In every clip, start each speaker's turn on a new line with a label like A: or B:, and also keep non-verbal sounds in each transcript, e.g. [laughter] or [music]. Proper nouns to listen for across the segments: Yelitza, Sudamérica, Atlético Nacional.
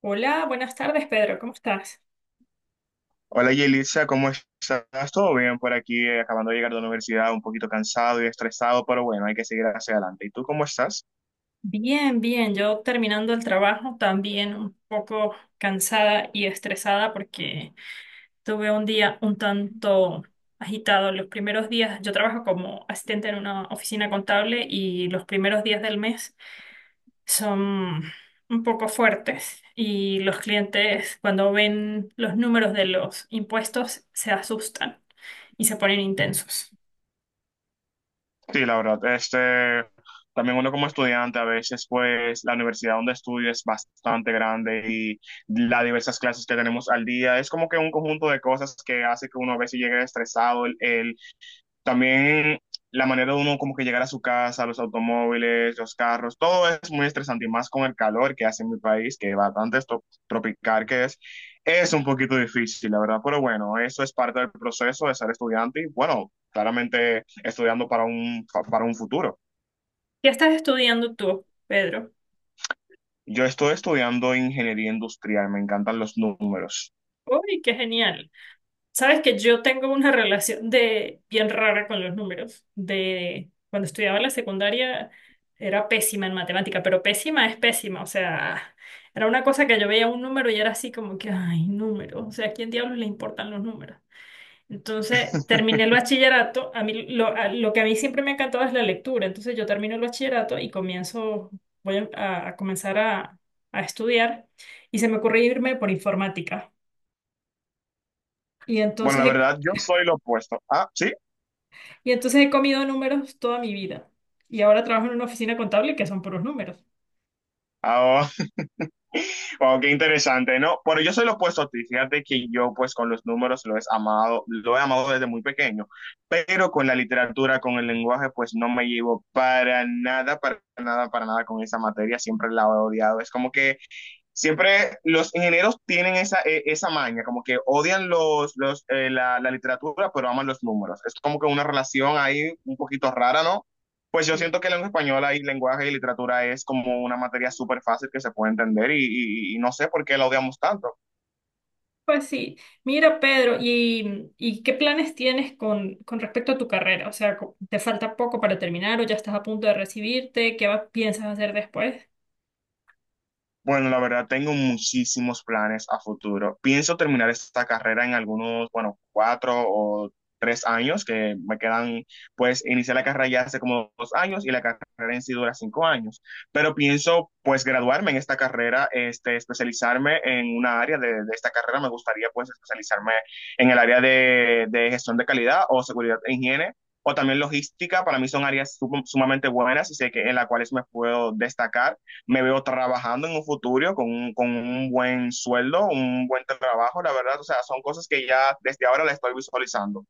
A: Hola, buenas tardes, Pedro. ¿Cómo estás?
B: Hola Yelitza, ¿cómo estás? ¿Todo bien por aquí? Acabando de llegar de la universidad, un poquito cansado y estresado, pero bueno, hay que seguir hacia adelante. ¿Y tú cómo estás?
A: Bien, bien. Yo terminando el trabajo, también un poco cansada y estresada porque tuve un día un tanto agitado. Los primeros días, yo trabajo como asistente en una oficina contable y los primeros días del mes son un poco fuertes y los clientes cuando ven los números de los impuestos se asustan y se ponen intensos.
B: Sí, la verdad, este, también uno como estudiante a veces, pues la universidad donde estudio es bastante grande y las diversas clases que tenemos al día es como que un conjunto de cosas que hace que uno a veces llegue estresado, el, también la manera de uno como que llegar a su casa, los automóviles, los carros, todo es muy estresante y más con el calor que hace en mi país, que bastante es tropical que es un poquito difícil, la verdad, pero bueno, eso es parte del proceso de ser estudiante y bueno, claramente estudiando para para un futuro.
A: ¿Qué estás estudiando tú, Pedro?
B: Yo estoy estudiando ingeniería industrial, me encantan los números.
A: ¡Uy, qué genial! Sabes que yo tengo una relación de bien rara con los números. De cuando estudiaba en la secundaria era pésima en matemática, pero pésima es pésima, o sea, era una cosa que yo veía un número y era así como que, ay, números, o sea, ¿a quién diablos le importan los números? Entonces, terminé el bachillerato, a mí lo, a- lo que a mí siempre me ha encantado es la lectura, entonces yo termino el bachillerato y comienzo, voy a comenzar a estudiar y se me ocurrió irme por informática. Y
B: Bueno, la
A: entonces
B: verdad, yo soy lo opuesto. Ah, sí.
A: Y entonces he comido números toda mi vida. Y ahora trabajo en una oficina contable que son puros números.
B: Ah, wow, qué interesante, ¿no? Bueno, yo soy lo opuesto a ti. Fíjate que yo, pues, con los números lo he amado desde muy pequeño, pero con la literatura, con el lenguaje, pues, no me llevo para nada, para nada, para nada con esa materia. Siempre la he odiado. Es como que siempre los ingenieros tienen esa, esa maña, como que odian literatura, pero aman los números. Es como que una relación ahí un poquito rara, ¿no? Pues yo
A: Sí.
B: siento que lengua española y lenguaje y literatura es como una materia súper fácil que se puede entender y no sé por qué la odiamos tanto.
A: Pues sí. Mira, Pedro, ¿y qué planes tienes con respecto a tu carrera? O sea, ¿te falta poco para terminar o ya estás a punto de recibirte? ¿ piensas hacer después?
B: Bueno, la verdad tengo muchísimos planes a futuro. Pienso terminar esta carrera en algunos, bueno, cuatro o tres años que me quedan, pues inicié la carrera ya hace como dos años y la carrera en sí dura cinco años. Pero pienso, pues, graduarme en esta carrera, este, especializarme en una área de esta carrera. Me gustaría, pues, especializarme en el área de gestión de calidad o seguridad e higiene. O también logística, para mí son áreas sumamente buenas y sé que en las cuales me puedo destacar. Me veo trabajando en un futuro con con un buen sueldo, un buen trabajo, la verdad, o sea, son cosas que ya desde ahora la estoy visualizando.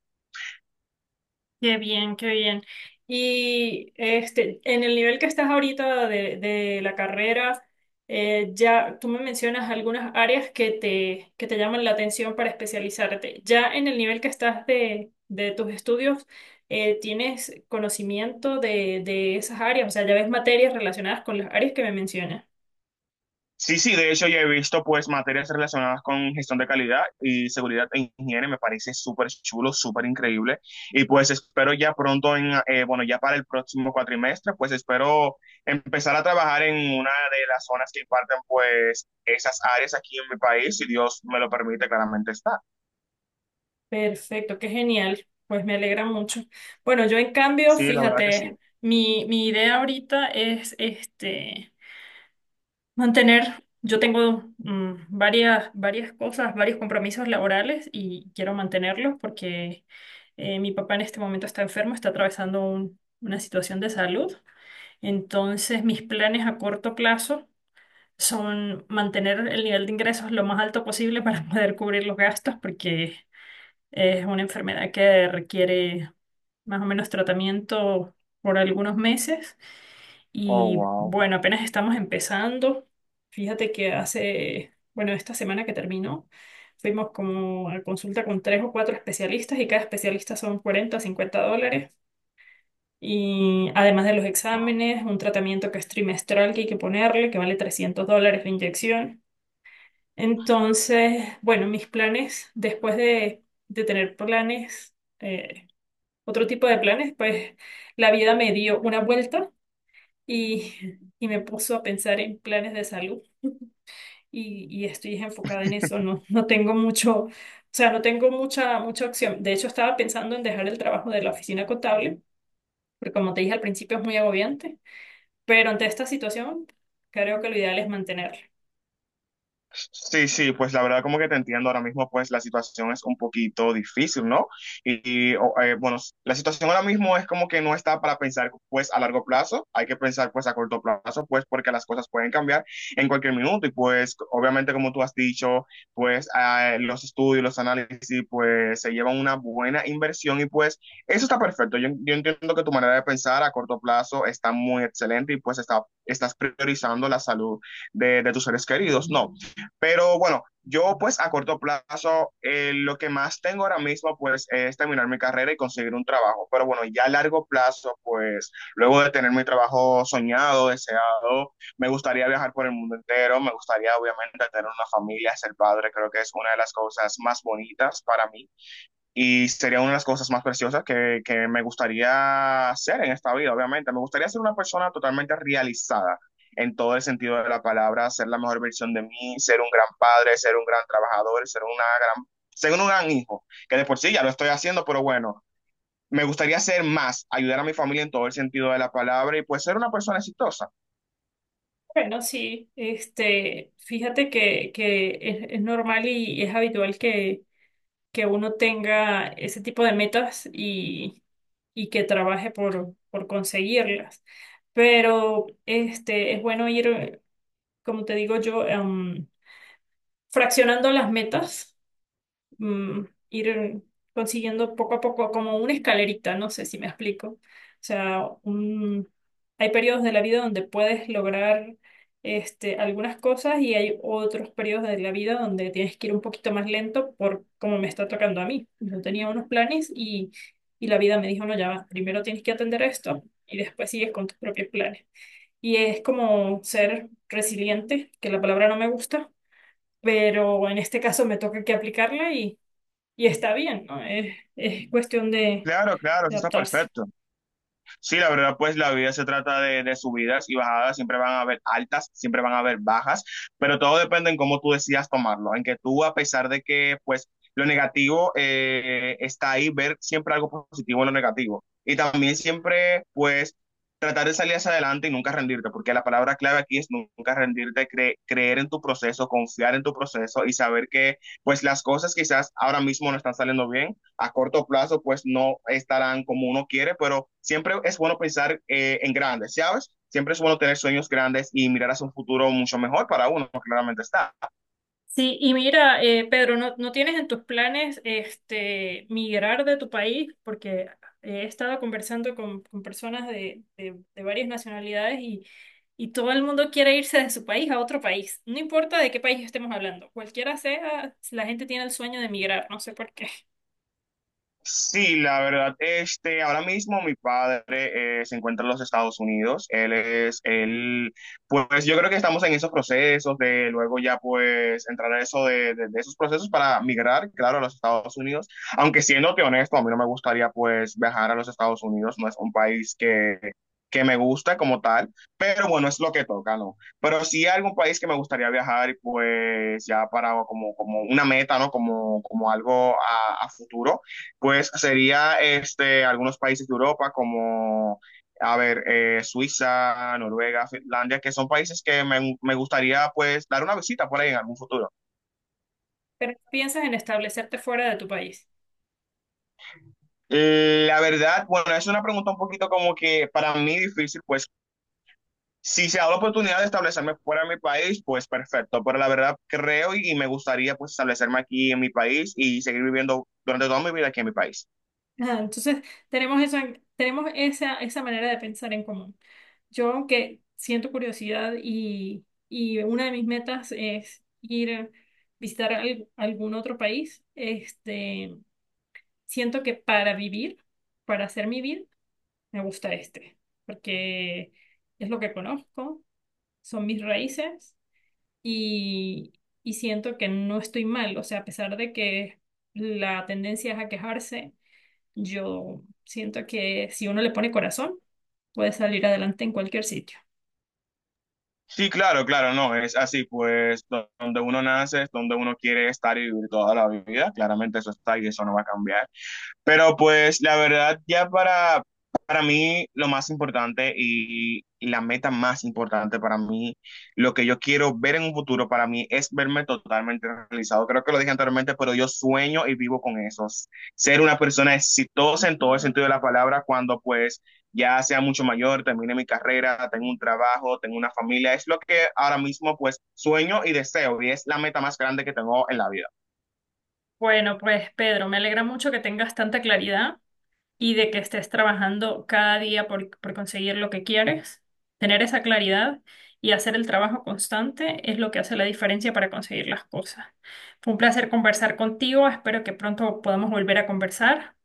A: Qué bien, qué bien. Y este, en el nivel que estás ahorita de la carrera, ya tú me mencionas algunas áreas que te llaman la atención para especializarte. Ya en el nivel que estás de tus estudios, ¿tienes conocimiento de esas áreas? O sea, ya ves materias relacionadas con las áreas que me mencionas.
B: Sí, sí, de hecho ya he visto pues materias relacionadas con gestión de calidad y seguridad en higiene, me parece súper chulo, súper increíble y pues espero ya pronto, bueno, ya para el próximo cuatrimestre, pues espero empezar a trabajar en una de las zonas que imparten pues esas áreas aquí en mi país, si Dios me lo permite, claramente está.
A: Perfecto, qué genial. Pues me alegra mucho. Bueno, yo en cambio,
B: Sí, la verdad que sí.
A: fíjate, mi idea ahorita es este. Mantener, yo tengo varias cosas, varios compromisos laborales y quiero mantenerlos porque mi papá en este momento está enfermo, está atravesando una situación de salud. Entonces, mis planes a corto plazo son mantener el nivel de ingresos lo más alto posible para [laughs] poder cubrir los gastos porque es una enfermedad que requiere más o menos tratamiento por algunos meses.
B: Oh,
A: Y
B: wow.
A: bueno, apenas estamos empezando. Fíjate que hace, bueno, esta semana que terminó, fuimos como a consulta con tres o cuatro especialistas y cada especialista son 40 o $50. Y además de los
B: Wow.
A: exámenes, un tratamiento que es trimestral que hay que ponerle, que vale $300 la inyección. Entonces, bueno, mis planes, después de tener planes, eh, otro tipo de planes, pues la vida me dio una vuelta y, [laughs] y me puso a pensar en planes de salud y estoy enfocada en eso. No, no tengo mucho, o sea, no tengo mucha opción. De hecho, estaba pensando en dejar el trabajo de la oficina contable, porque como te dije al principio es muy agobiante, pero ante esta situación creo que lo ideal es mantenerlo.
B: Sí, sí, pues la verdad como que te entiendo ahora mismo, pues la situación es un poquito difícil, ¿no? Bueno, la situación ahora mismo es como que no está para pensar pues a largo plazo, hay que pensar pues a corto plazo, pues porque las cosas pueden cambiar en cualquier minuto y pues obviamente como tú has dicho, pues los estudios, los análisis, pues se llevan una buena inversión y pues eso está perfecto. Yo entiendo que tu manera de pensar a corto plazo está muy excelente y pues está, estás priorizando la salud de tus seres queridos, ¿no? Pero bueno, yo pues a corto plazo lo que más tengo ahora mismo pues es terminar mi carrera y conseguir un trabajo. Pero bueno, ya a largo plazo pues luego de tener mi trabajo soñado, deseado, me gustaría viajar por el mundo entero, me gustaría obviamente tener una familia, ser padre, creo que es una de las cosas más bonitas para mí. Y sería una de las cosas más preciosas que me gustaría ser en esta vida, obviamente. Me gustaría ser una persona totalmente realizada en todo el sentido de la palabra, ser la mejor versión de mí, ser un gran padre, ser un gran trabajador, gran, ser un gran hijo, que de por sí ya lo estoy haciendo, pero bueno, me gustaría ser más, ayudar a mi familia en todo el sentido de la palabra y pues ser una persona exitosa.
A: Bueno, sí, este, fíjate que es normal y es habitual que uno tenga ese tipo de metas y que trabaje por conseguirlas. Pero este, es bueno ir, como te digo yo, fraccionando las metas ir consiguiendo poco a poco como una escalerita, no sé si me explico. O sea, hay periodos de la vida donde puedes lograr este, algunas cosas y hay otros periodos de la vida donde tienes que ir un poquito más lento por como me está tocando a mí. Yo tenía unos planes y la vida me dijo, no, ya va, primero tienes que atender esto y después sigues con tus propios planes. Y es como ser resiliente, que la palabra no me gusta, pero en este caso me toca que aplicarla y está bien, ¿no? Es cuestión de,
B: Claro, claro,
A: de
B: eso está
A: adaptarse.
B: perfecto. Sí, la verdad, pues la vida se trata de subidas y bajadas, siempre van a haber altas, siempre van a haber bajas, pero todo depende en cómo tú decidas tomarlo, en que tú, a pesar de que, pues, lo negativo está ahí, ver siempre algo positivo en lo negativo. Y también siempre, pues, tratar de salir hacia adelante y nunca rendirte, porque la palabra clave aquí es nunca rendirte, creer en tu proceso, confiar en tu proceso y saber que, pues, las cosas quizás ahora mismo no están saliendo bien, a corto plazo pues no estarán como uno quiere, pero siempre es bueno pensar en grandes, ¿sabes? Siempre es bueno tener sueños grandes y mirar hacia un futuro mucho mejor para uno, claramente está.
A: Sí, y mira, Pedro, ¿no tienes en tus planes este, migrar de tu país? Porque he estado conversando con personas de varias nacionalidades y todo el mundo quiere irse de su país a otro país. No importa de qué país estemos hablando, cualquiera sea, la gente tiene el sueño de migrar, no sé por qué. [laughs]
B: Sí, la verdad, este, ahora mismo mi padre se encuentra en los Estados Unidos. Él, pues yo creo que estamos en esos procesos de luego ya pues entrar a eso de esos procesos para migrar, claro, a los Estados Unidos. Aunque siéndote honesto, a mí no me gustaría pues viajar a los Estados Unidos, no es un país que me gusta como tal, pero bueno, es lo que toca, ¿no? Pero sí hay algún país que me gustaría viajar y pues ya para como, como una meta, ¿no? Como, como algo a futuro. Pues sería este, algunos países de Europa como, a ver, Suiza, Noruega, Finlandia, que son países que me gustaría pues dar una visita por ahí en algún futuro.
A: Pero piensas en establecerte fuera de tu país.
B: La verdad, bueno, es una pregunta un poquito como que para mí difícil, pues si se da la oportunidad de establecerme fuera de mi país, pues perfecto, pero la verdad creo y me gustaría pues establecerme aquí en mi país y seguir viviendo durante toda mi vida aquí en mi país.
A: Ajá, entonces, tenemos esa, tenemos esa manera de pensar en común. Yo, aunque siento curiosidad y una de mis metas es ir a visitar algún otro país, este, siento que para vivir, para hacer mi vida, me gusta este, porque es lo que conozco, son mis raíces y, y siento que no estoy mal. O sea, a pesar de que la tendencia es a quejarse, yo siento que si uno le pone corazón, puede salir adelante en cualquier sitio.
B: Sí, claro, claro, no, es así, pues donde uno nace es donde uno quiere estar y vivir toda la vida, claramente eso está y eso no va a cambiar. Pero pues la verdad, ya para mí lo más importante y la meta más importante para mí, lo que yo quiero ver en un futuro para mí es verme totalmente realizado. Creo que lo dije anteriormente, pero yo sueño y vivo con eso. Ser una persona exitosa en todo el sentido de la palabra cuando pues ya sea mucho mayor, termine mi carrera, tengo un trabajo, tengo una familia. Es lo que ahora mismo pues sueño y deseo y es la meta más grande que tengo en la vida.
A: Bueno, pues Pedro, me alegra mucho que tengas tanta claridad y de que estés trabajando cada día por conseguir lo que quieres, tener esa claridad y hacer el trabajo constante es lo que hace la diferencia para conseguir las cosas. Fue un placer conversar contigo, espero que pronto podamos volver a conversar.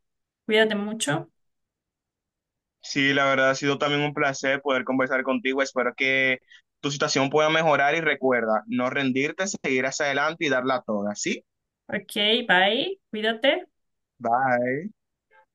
A: Cuídate mucho.
B: Sí, la verdad ha sido también un placer poder conversar contigo. Espero que tu situación pueda mejorar y recuerda, no rendirte, seguir hacia adelante y darla toda. ¿Sí?
A: Ok, bye, cuídate.
B: Bye.